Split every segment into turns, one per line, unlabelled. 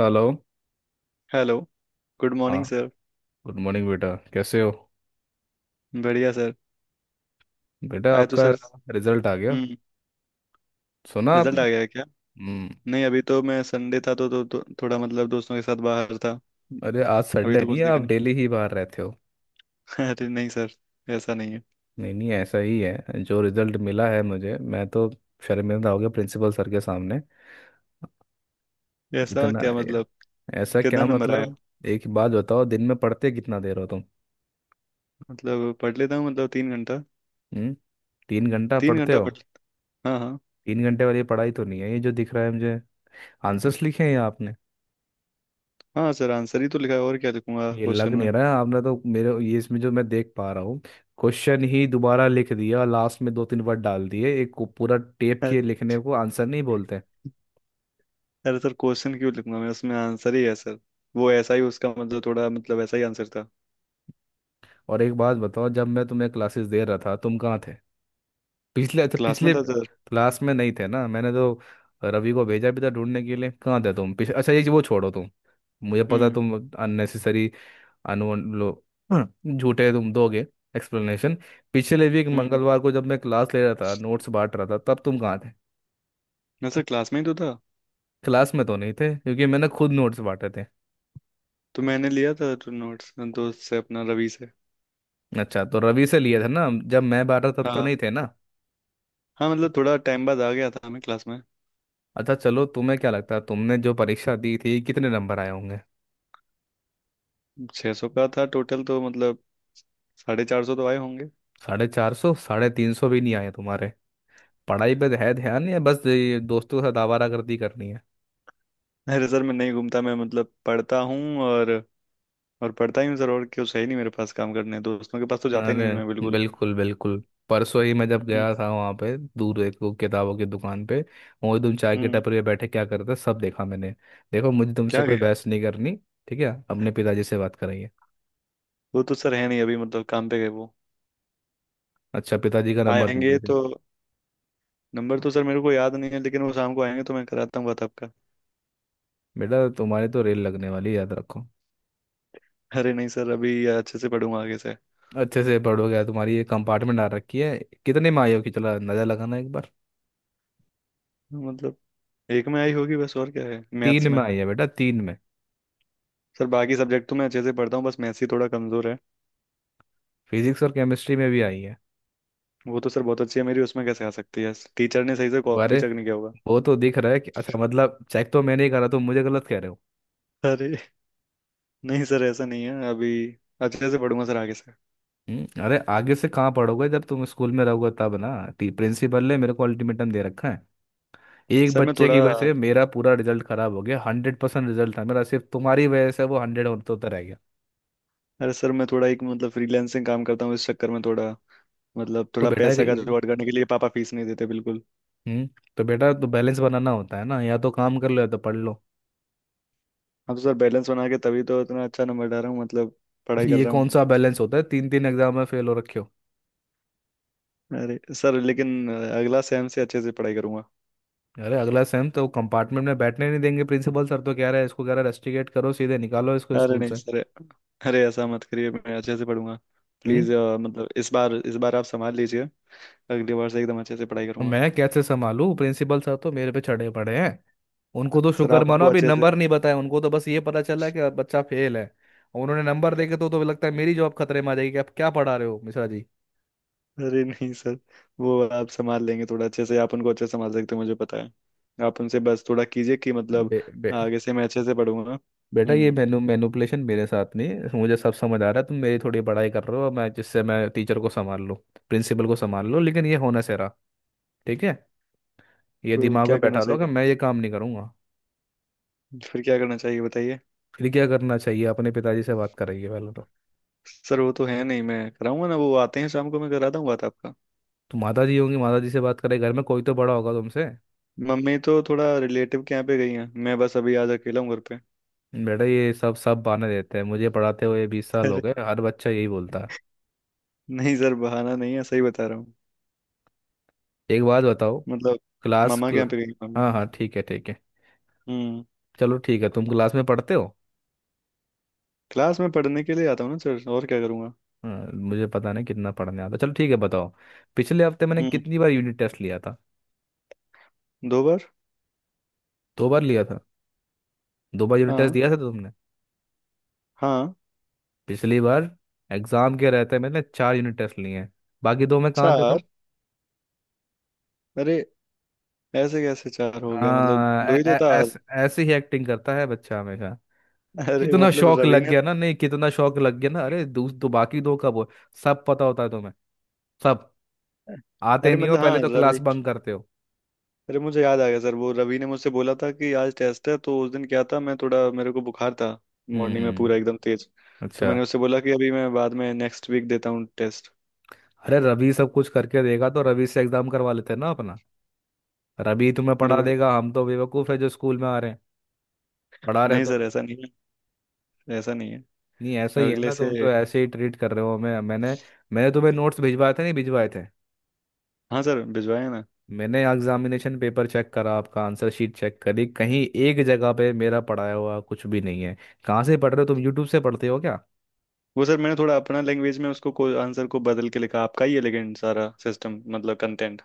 Hello.
Hello. Good
हाँ।
Morning sir.
Good morning बेटा, कैसे हो।
बढ़िया सर।
बेटा
आया तो
आपका
सर।
रिजल्ट आ गया,
हम्म।
सुना
रिजल्ट
आपने।
आ गया है क्या।
हम्म।
नहीं अभी तो मैं संडे था तो थोड़ा मतलब दोस्तों के साथ बाहर था।
अरे आज
अभी
संडे
तो
नहीं
कुछ
है,
देखा
आप डेली ही बाहर रहते हो।
नहीं। अरे नहीं सर ऐसा नहीं है।
नहीं नहीं, ऐसा ही है जो रिजल्ट मिला है मुझे, मैं तो शर्मिंदा हो गया प्रिंसिपल सर के सामने।
ऐसा
इतना।
क्या मतलब।
ऐसा
कितना
क्या
नंबर आया।
मतलब। एक बात बताओ, दिन में पढ़ते कितना देर हो तुम।
मतलब पढ़ लेता हूँ मतलब 3 घंटा।
हम्म। 3 घंटा
तीन
पढ़ते
घंटा
हो।
पढ़, हाँ हाँ।
3 घंटे वाली पढ़ाई तो नहीं है ये, जो दिख रहा है मुझे। आंसर्स लिखे हैं ये आपने?
हाँ सर आंसर ही तो लिखा है, और क्या लिखूंगा
ये
क्वेश्चन
लग नहीं
में।
रहा है, आपने तो मेरे, ये इसमें जो मैं देख पा रहा हूँ, क्वेश्चन ही दोबारा लिख दिया, लास्ट में दो तीन वर्ड डाल दिए, एक को पूरा टेप
अरे,
किए, लिखने को आंसर नहीं बोलते।
अरे सर क्वेश्चन क्यों लिखूंगा मैं, उसमें आंसर ही है सर। वो ऐसा ही उसका मतलब थोड़ा मतलब ऐसा ही आंसर था।
और एक बात बताओ, जब मैं तुम्हें क्लासेस दे रहा था तुम कहाँ थे। पिछले, अच्छा
क्लास में
पिछले
था सर।
क्लास में नहीं थे ना, मैंने तो रवि को भेजा भी था ढूंढने के लिए, कहाँ थे तुम अच्छा ये वो छोड़ो तुम, मुझे पता है
हम्म
तुम। अननेसेसरी। अनु लो। झूठे तुम दोगे एक्सप्लेनेशन। पिछले वीक
हम्म।
मंगलवार को जब मैं क्लास ले रहा था, नोट्स बांट रहा था, तब तुम कहाँ थे।
ना सर क्लास में ही तो था।
क्लास में तो नहीं थे, क्योंकि मैंने खुद नोट्स बांटे थे।
तो मैंने लिया था तो नोट्स दोस्त से अपना रवि से।
अच्छा तो रवि से लिए थे ना, जब मैं बांटा तब तो
हाँ
नहीं थे ना।
हाँ, मतलब थोड़ा टाइम बाद आ गया था हमें क्लास में।
अच्छा चलो, तुम्हें क्या लगता है तुमने जो परीक्षा दी थी कितने नंबर आए होंगे।
600 सौ का था टोटल तो मतलब 450 तो आए होंगे।
450? 350 भी नहीं आए तुम्हारे। पढ़ाई पे है ध्यान या बस ये दोस्तों के साथ आवारागर्दी करनी है।
अरे सर मैं नहीं घूमता, मैं मतलब पढ़ता हूँ और पढ़ता ही हूँ सर, और क्यों सही नहीं मेरे पास काम करने, दोस्तों के पास तो जाता ही नहीं मैं
अरे
बिल्कुल।
बिल्कुल बिल्कुल। परसों ही मैं जब
हम्म
गया था वहाँ पे, दूर एक वो किताबों की दुकान पे, वही तुम चाय के
हम्म।
टपरी पे बैठे क्या करते, सब देखा मैंने। देखो, मुझे तुमसे
क्या
कोई
गया।
बहस नहीं करनी। ठीक है, अपने पिताजी से बात करेंगे।
वो तो सर है नहीं अभी, मतलब काम पे गए वो,
अच्छा पिताजी का नंबर
आएंगे
दीजिए फिर।
तो नंबर तो सर मेरे को याद नहीं है, लेकिन वो शाम को आएंगे तो मैं कराता हूँ बात आपका।
बेटा तुम्हारी तो रेल लगने वाली है, याद रखो।
अरे नहीं सर अभी अच्छे से पढ़ूंगा आगे से।
अच्छे से पढ़ो, क्या तुम्हारी ये कंपार्टमेंट आ रखी है, कितने में आई हो? कि चला नजर लगाना एक बार।
मतलब एक में आई होगी बस, और क्या है,
तीन
मैथ्स में।
में आई है बेटा, तीन में।
सर बाकी सब्जेक्ट तो मैं अच्छे से पढ़ता हूँ, बस मैथ्स ही थोड़ा कमजोर है।
फिजिक्स और केमिस्ट्री में भी आई है।
वो तो सर बहुत अच्छी है मेरी, उसमें कैसे आ सकती है, टीचर ने सही से कॉपी
अरे
चेक नहीं किया होगा।
वो तो दिख रहा है कि, अच्छा मतलब चेक तो मैंने ही करा, तुम मुझे गलत कह रहे हो।
अरे नहीं सर ऐसा नहीं है, अभी अच्छे से पढ़ूंगा सर आगे से।
अरे आगे से कहाँ पढ़ोगे, जब तुम स्कूल में रहोगे तब ना। टी प्रिंसिपल ने मेरे को अल्टीमेटम दे रखा है। एक
सर मैं
बच्चे
थोड़ा
की वजह से मेरा पूरा रिजल्ट खराब हो गया, 100% रिजल्ट था मेरा, सिर्फ तुम्हारी वजह से वो हंड्रेड होता रह गया।
अरे सर मैं थोड़ा एक मतलब फ्रीलांसिंग काम करता हूँ, इस चक्कर में थोड़ा मतलब
तो
थोड़ा
बेटा।
पैसा का जुगाड़ करने के लिए, पापा फीस नहीं देते बिल्कुल।
हम्म। तो बेटा तो बैलेंस बनाना होता है ना, या तो काम कर लो या तो पढ़ लो।
हाँ तो सर बैलेंस बना के तभी तो इतना अच्छा नंबर ला रहा हूँ, मतलब पढ़ाई कर
ये
रहा
कौन
हूँ।
सा बैलेंस होता है, तीन तीन एग्जाम में फेल हो रखे हो।
अरे सर लेकिन अगला सेम से अच्छे से पढ़ाई करूंगा।
अरे अगला सेम तो कंपार्टमेंट में बैठने नहीं देंगे प्रिंसिपल सर, तो कह रहे हैं इसको, कह रहे हैं रस्टिकेट करो, सीधे निकालो इसको
अरे
स्कूल
नहीं
से।
सर, अरे ऐसा मत करिए मैं अच्छे से पढ़ूंगा। प्लीज
हम्म
मतलब इस बार, इस बार आप संभाल लीजिए, अगली बार से एकदम अच्छे से पढ़ाई
अब
करूंगा।
मैं कैसे संभालूं, प्रिंसिपल सर तो मेरे पे चढ़े पड़े हैं। उनको तो
सर
शुक्र
आप
मानो,
उनको
अभी
अच्छे से,
नंबर नहीं बताया, उनको तो बस ये पता चला कि बच्चा फेल है। और उन्होंने नंबर देखे तो लगता है मेरी जॉब खतरे में आ जाएगी, कि आप क्या पढ़ा रहे हो मिश्रा जी।
अरे नहीं सर वो आप संभाल लेंगे थोड़ा अच्छे से, आप उनको अच्छे से संभाल सकते हो मुझे पता है। आप उनसे बस थोड़ा कीजिए कि मतलब
बे, बे,
आगे से मैं अच्छे से पढ़ूंगा।
बेटा ये
हम्म।
मैनुपुलेशन मेरे साथ नहीं है, मुझे सब समझ आ रहा है, तुम मेरी थोड़ी पढ़ाई कर रहे हो मैं जिससे, मैं टीचर को संभाल लूँ, प्रिंसिपल को संभाल लूँ, लेकिन ये होना सेरा। ठीक है। ये
तो
दिमाग में
क्या करना
बैठा लो कि
चाहिए,
मैं ये काम नहीं करूँगा।
फिर क्या करना चाहिए बताइए।
फिर क्या करना चाहिए, अपने पिताजी से बात करेंगे पहले तो।
सर वो तो है नहीं, मैं कराऊंगा ना, वो आते हैं शाम को मैं करा दूंगा बात आपका।
तुम, माता जी होंगी, माता जी से बात करें, घर में कोई तो बड़ा होगा तुमसे।
मम्मी तो थोड़ा रिलेटिव के यहाँ पे गई हैं, मैं बस अभी आज अकेला हूँ घर
बेटा ये सब सब बहाने देते हैं, मुझे पढ़ाते हुए 20 साल हो
पे।
गए, हर बच्चा यही बोलता है।
नहीं सर बहाना नहीं है, सही बता रहा हूँ।
एक बात बताओ।
मतलब
क्लास
मामा के
क्ला...
यहाँ पे गई मम्मी।
हाँ हाँ, ठीक है ठीक है।
हम्म।
चलो ठीक है, तुम क्लास में पढ़ते हो।
क्लास में पढ़ने के लिए आता हूँ ना सर, और क्या करूँगा।
हाँ, मुझे पता नहीं कितना पढ़ने आता, चलो ठीक है बताओ। पिछले हफ्ते मैंने
हम्म।
कितनी बार यूनिट टेस्ट लिया था।
2 बार।
दो बार लिया था। दो बार यूनिट टेस्ट
हाँ
दिया था तो तुमने।
हाँ।
पिछली बार एग्जाम के रहते मैंने 4 यूनिट टेस्ट लिए हैं, बाकी दो मैं कहाँ देता
चार,
हूँ।
अरे ऐसे कैसे चार हो गया, मतलब
हाँ,
दो ही तो था।
ऐसे ही एक्टिंग करता है बच्चा हमेशा।
अरे
कितना
मतलब
शौक
रवि
लग
ने,
गया ना, नहीं कितना शौक लग गया ना, अरे दो, दो, बाकी दो कब हो। सब पता होता है तुम्हें, सब। आते
अरे
नहीं हो
मतलब
पहले
हाँ
तो, क्लास
रवि,
बंक करते हो।
अरे मुझे याद आ गया सर, वो रवि ने मुझसे बोला था कि आज टेस्ट है, तो उस दिन क्या था मैं थोड़ा, मेरे को बुखार था
हम्म
मॉर्निंग में पूरा
हम्म,
एकदम तेज। तो
अच्छा।
मैंने उससे बोला कि अभी मैं बाद में नेक्स्ट वीक देता हूँ टेस्ट।
अरे रवि सब कुछ करके देगा, तो रवि से एग्जाम करवा लेते हैं ना अपना। रवि तुम्हें
अरे
पढ़ा
बोला,
देगा, हम तो बेवकूफ है जो स्कूल में आ रहे हैं, पढ़ा रहे हैं
नहीं सर
तुम्हें।
ऐसा नहीं है, ऐसा नहीं है।
नहीं ऐसा ही है
अगले
ना,
से,
तुम तो ऐसे ही ट्रीट कर रहे हो हमें। मैंने मैंने तुम्हें नोट्स भिजवाए थे नहीं भिजवाए थे।
हाँ सर भिजवाया ना।
मैंने एग्जामिनेशन पेपर चेक करा, आपका आंसर शीट चेक करी, कहीं एक जगह पे मेरा पढ़ाया हुआ कुछ भी नहीं है। कहाँ से पढ़ रहे हो तुम, यूट्यूब से पढ़ते हो क्या।
वो सर मैंने थोड़ा अपना लैंग्वेज में आंसर को बदल के लिखा, आपका ही है लेकिन, सारा सिस्टम मतलब कंटेंट।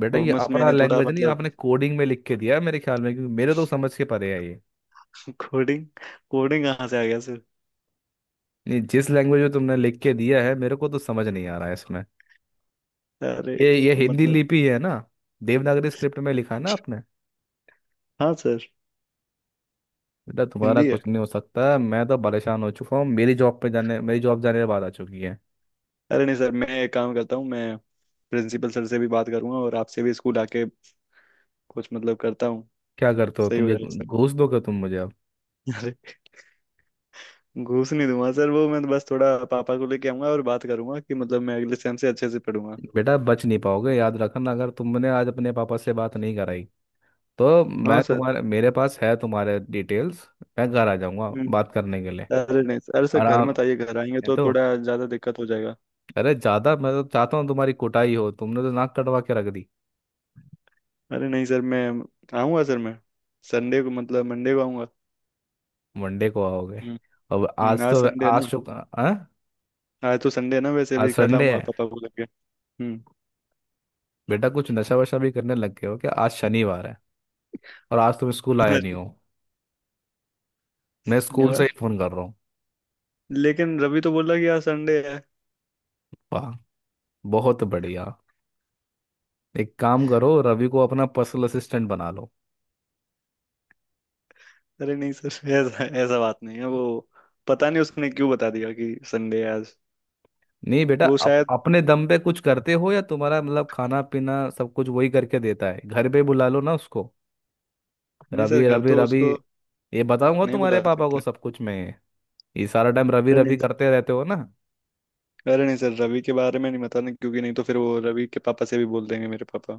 बेटा
वो
ये
बस
अपना
मैंने थोड़ा
लैंग्वेज नहीं,
मतलब,
आपने कोडिंग में लिख के दिया है मेरे ख्याल में, क्योंकि मेरे तो समझ के परे है ये।
कोडिंग, कोडिंग कहाँ से आ गया सर।
नहीं, जिस लैंग्वेज में तुमने लिख के दिया है, मेरे को तो समझ नहीं आ रहा है इसमें।
अरे
ये हिंदी
मतलब
लिपि है ना, देवनागरी स्क्रिप्ट में लिखा है ना आपने।
हाँ सर,
बेटा तुम्हारा
हिंदी है।
कुछ नहीं हो सकता, मैं तो परेशान हो चुका हूँ, मेरी जॉब पे, जाने मेरी जॉब जाने के बाद आ चुकी है।
अरे नहीं सर मैं एक काम करता हूँ, मैं प्रिंसिपल सर से भी बात करूंगा और आपसे भी स्कूल आके कुछ मतलब करता हूँ,
क्या करते हो
सही
तुम
हो
क्या,
जाएगा सर।
घूस दोगे तुम मुझे अब?
अरे, घूस नहीं दूंगा सर, वो मैं बस थोड़ा पापा को लेके आऊंगा और बात करूंगा कि मतलब मैं अगले सेम से अच्छे से पढ़ूंगा।
बेटा बच नहीं पाओगे, याद रखना, अगर तुमने आज अपने पापा से बात नहीं कराई, तो
हाँ
मैं
सर।
तुम्हारे, मेरे पास है तुम्हारे डिटेल्स, मैं घर आ जाऊंगा बात करने के लिए।
अरे नहीं सर, अरे सर घर
आराम।
मत आइए, घर आएंगे
ये
तो
तो,
थोड़ा ज़्यादा दिक्कत हो जाएगा
अरे ज़्यादा मैं तो चाहता हूँ तुम्हारी कुटाई हो, तुमने तो नाक कटवा के रख दी।
अरे नहीं सर मैं आऊँगा सर, मैं संडे को मतलब मंडे को आऊँगा।
मंडे को आओगे?
हम्म।
अब आज
आज
तो,
संडे है
आज
ना।
शुक्र। हाँ?
आज तो संडे है ना, वैसे
आज
भी कल
संडे
आऊँगा
है?
पापा को लेके। हम्म।
बेटा कुछ नशा वशा भी करने लग गए हो क्या, आज शनिवार है और आज तुम स्कूल आए
अरे,
नहीं हो। मैं स्कूल से
शनिवार।
ही फोन कर रहा हूँ।
लेकिन रवि तो बोला कि आज संडे है।
वाह, बहुत बढ़िया। एक काम करो, रवि को अपना पर्सनल असिस्टेंट बना लो।
अरे नहीं सर ऐसा ऐसा बात नहीं है, वो पता नहीं उसने क्यों बता दिया कि संडे है आज।
नहीं बेटा,
वो शायद,
अपने दम पे कुछ करते हो, या तुम्हारा मतलब खाना पीना सब कुछ वही करके देता है, घर पे बुला लो ना उसको।
नहीं
रवि
सर घर
रवि
तो
रवि,
उसको
ये बताऊंगा
नहीं
तुम्हारे
बुला
पापा को
सकते।
सब कुछ मैं, ये सारा टाइम रवि
अरे नहीं
रवि करते रहते हो ना।
अरे नहीं सर रवि के बारे में नहीं बताना, क्योंकि नहीं तो फिर वो रवि के पापा से भी बोल देंगे मेरे पापा,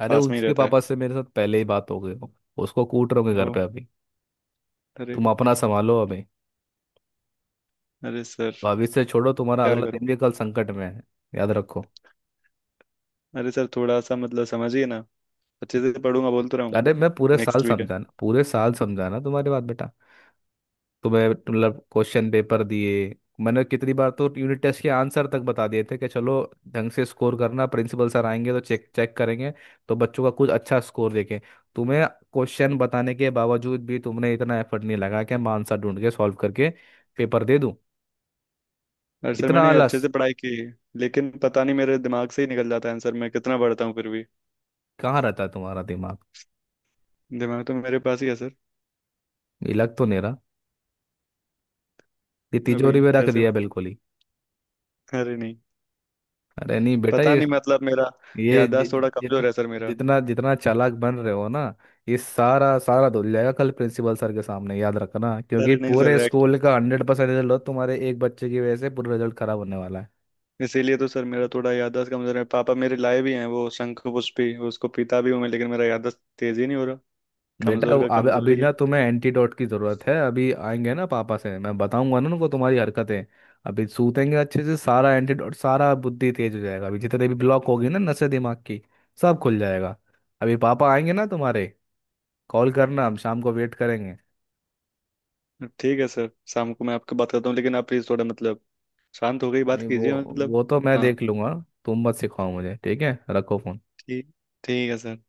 अरे
पास में ही
उसके
रहता है।
पापा से मेरे साथ पहले ही बात हो गई हो। उसको कूट रहोगे
ओ,
घर पे अभी।
अरे,
तुम अपना संभालो अभी,
अरे सर
भविष्य छोड़ो, तुम्हारा
क्या
अगला
करूं।
दिन भी कल संकट में है, याद रखो।
अरे सर थोड़ा सा मतलब समझिए ना, अच्छे से पढ़ूंगा बोल तो रहा हूँ,
अरे मैं पूरे साल
नेक्स्ट वीक है।
समझाना, पूरे साल समझाना तुम्हारी बात बेटा। तुम्हें मतलब क्वेश्चन पेपर दिए, मैंने कितनी बार तो यूनिट टेस्ट के आंसर तक बता दिए थे, कि चलो ढंग से स्कोर करना, प्रिंसिपल सर आएंगे तो चेक चेक करेंगे, तो बच्चों का कुछ अच्छा स्कोर देखें। तुम्हें क्वेश्चन बताने के बावजूद भी तुमने इतना एफर्ट नहीं लगा, कि मैं आंसर ढूंढ के सॉल्व करके पेपर दे दूं।
अरे सर
इतना
मैंने अच्छे
आलस।
से पढ़ाई की है, लेकिन पता नहीं मेरे दिमाग से ही निकल जाता है आंसर, मैं कितना पढ़ता हूँ फिर भी।
कहाँ रहता है तुम्हारा दिमाग,
दिमाग तो मेरे पास ही है सर।
ये लग तो नहीं रहा, ये तिजोरी
अभी
में रख
कैसे,
दिया बिल्कुल ही।
अरे नहीं,
अरे नहीं बेटा
पता
ये
नहीं मतलब मेरा
ये जि-
याददाश्त
जि-
थोड़ा
जित-
कमजोर है सर मेरा।
जितना जितना चालाक बन रहे हो ना, ये सारा सारा धुल जाएगा कल प्रिंसिपल सर के सामने, याद रखना, क्योंकि
अरे नहीं
पूरे
सर एक-,
स्कूल का 100% रिजल्ट हो, तुम्हारे एक बच्चे की वजह से पूरा रिजल्ट खराब होने वाला है।
इसीलिए तो सर मेरा थोड़ा याददाश्त कमजोर है, पापा मेरे लाए भी हैं वो शंख पुष्पी, उसको पीता भी हूं मैं, लेकिन मेरा याददाश्त तेज ही नहीं हो रहा,
बेटा
कमजोर का
अब अभी
कमजोरी है।
ना तुम्हें एंटीडोट की जरूरत है, अभी आएंगे ना पापा, से मैं बताऊंगा ना उनको तुम्हारी हरकतें, अभी सूतेंगे अच्छे से, सारा एंटीडोट, सारा बुद्धि तेज हो जाएगा, अभी जितने भी ब्लॉक होगी ना नसें दिमाग की, सब खुल जाएगा। अभी पापा आएंगे ना तुम्हारे, कॉल करना, हम शाम को वेट करेंगे।
ठीक है सर, शाम को मैं आपको बात करता हूँ, लेकिन आप प्लीज थोड़ा मतलब शांत हो गई बात
नहीं वो,
कीजिए, मतलब।
वो तो मैं
हाँ।
देख लूंगा, तुम मत सिखाओ मुझे, ठीक है रखो फोन।
ठीक ठीक है सर।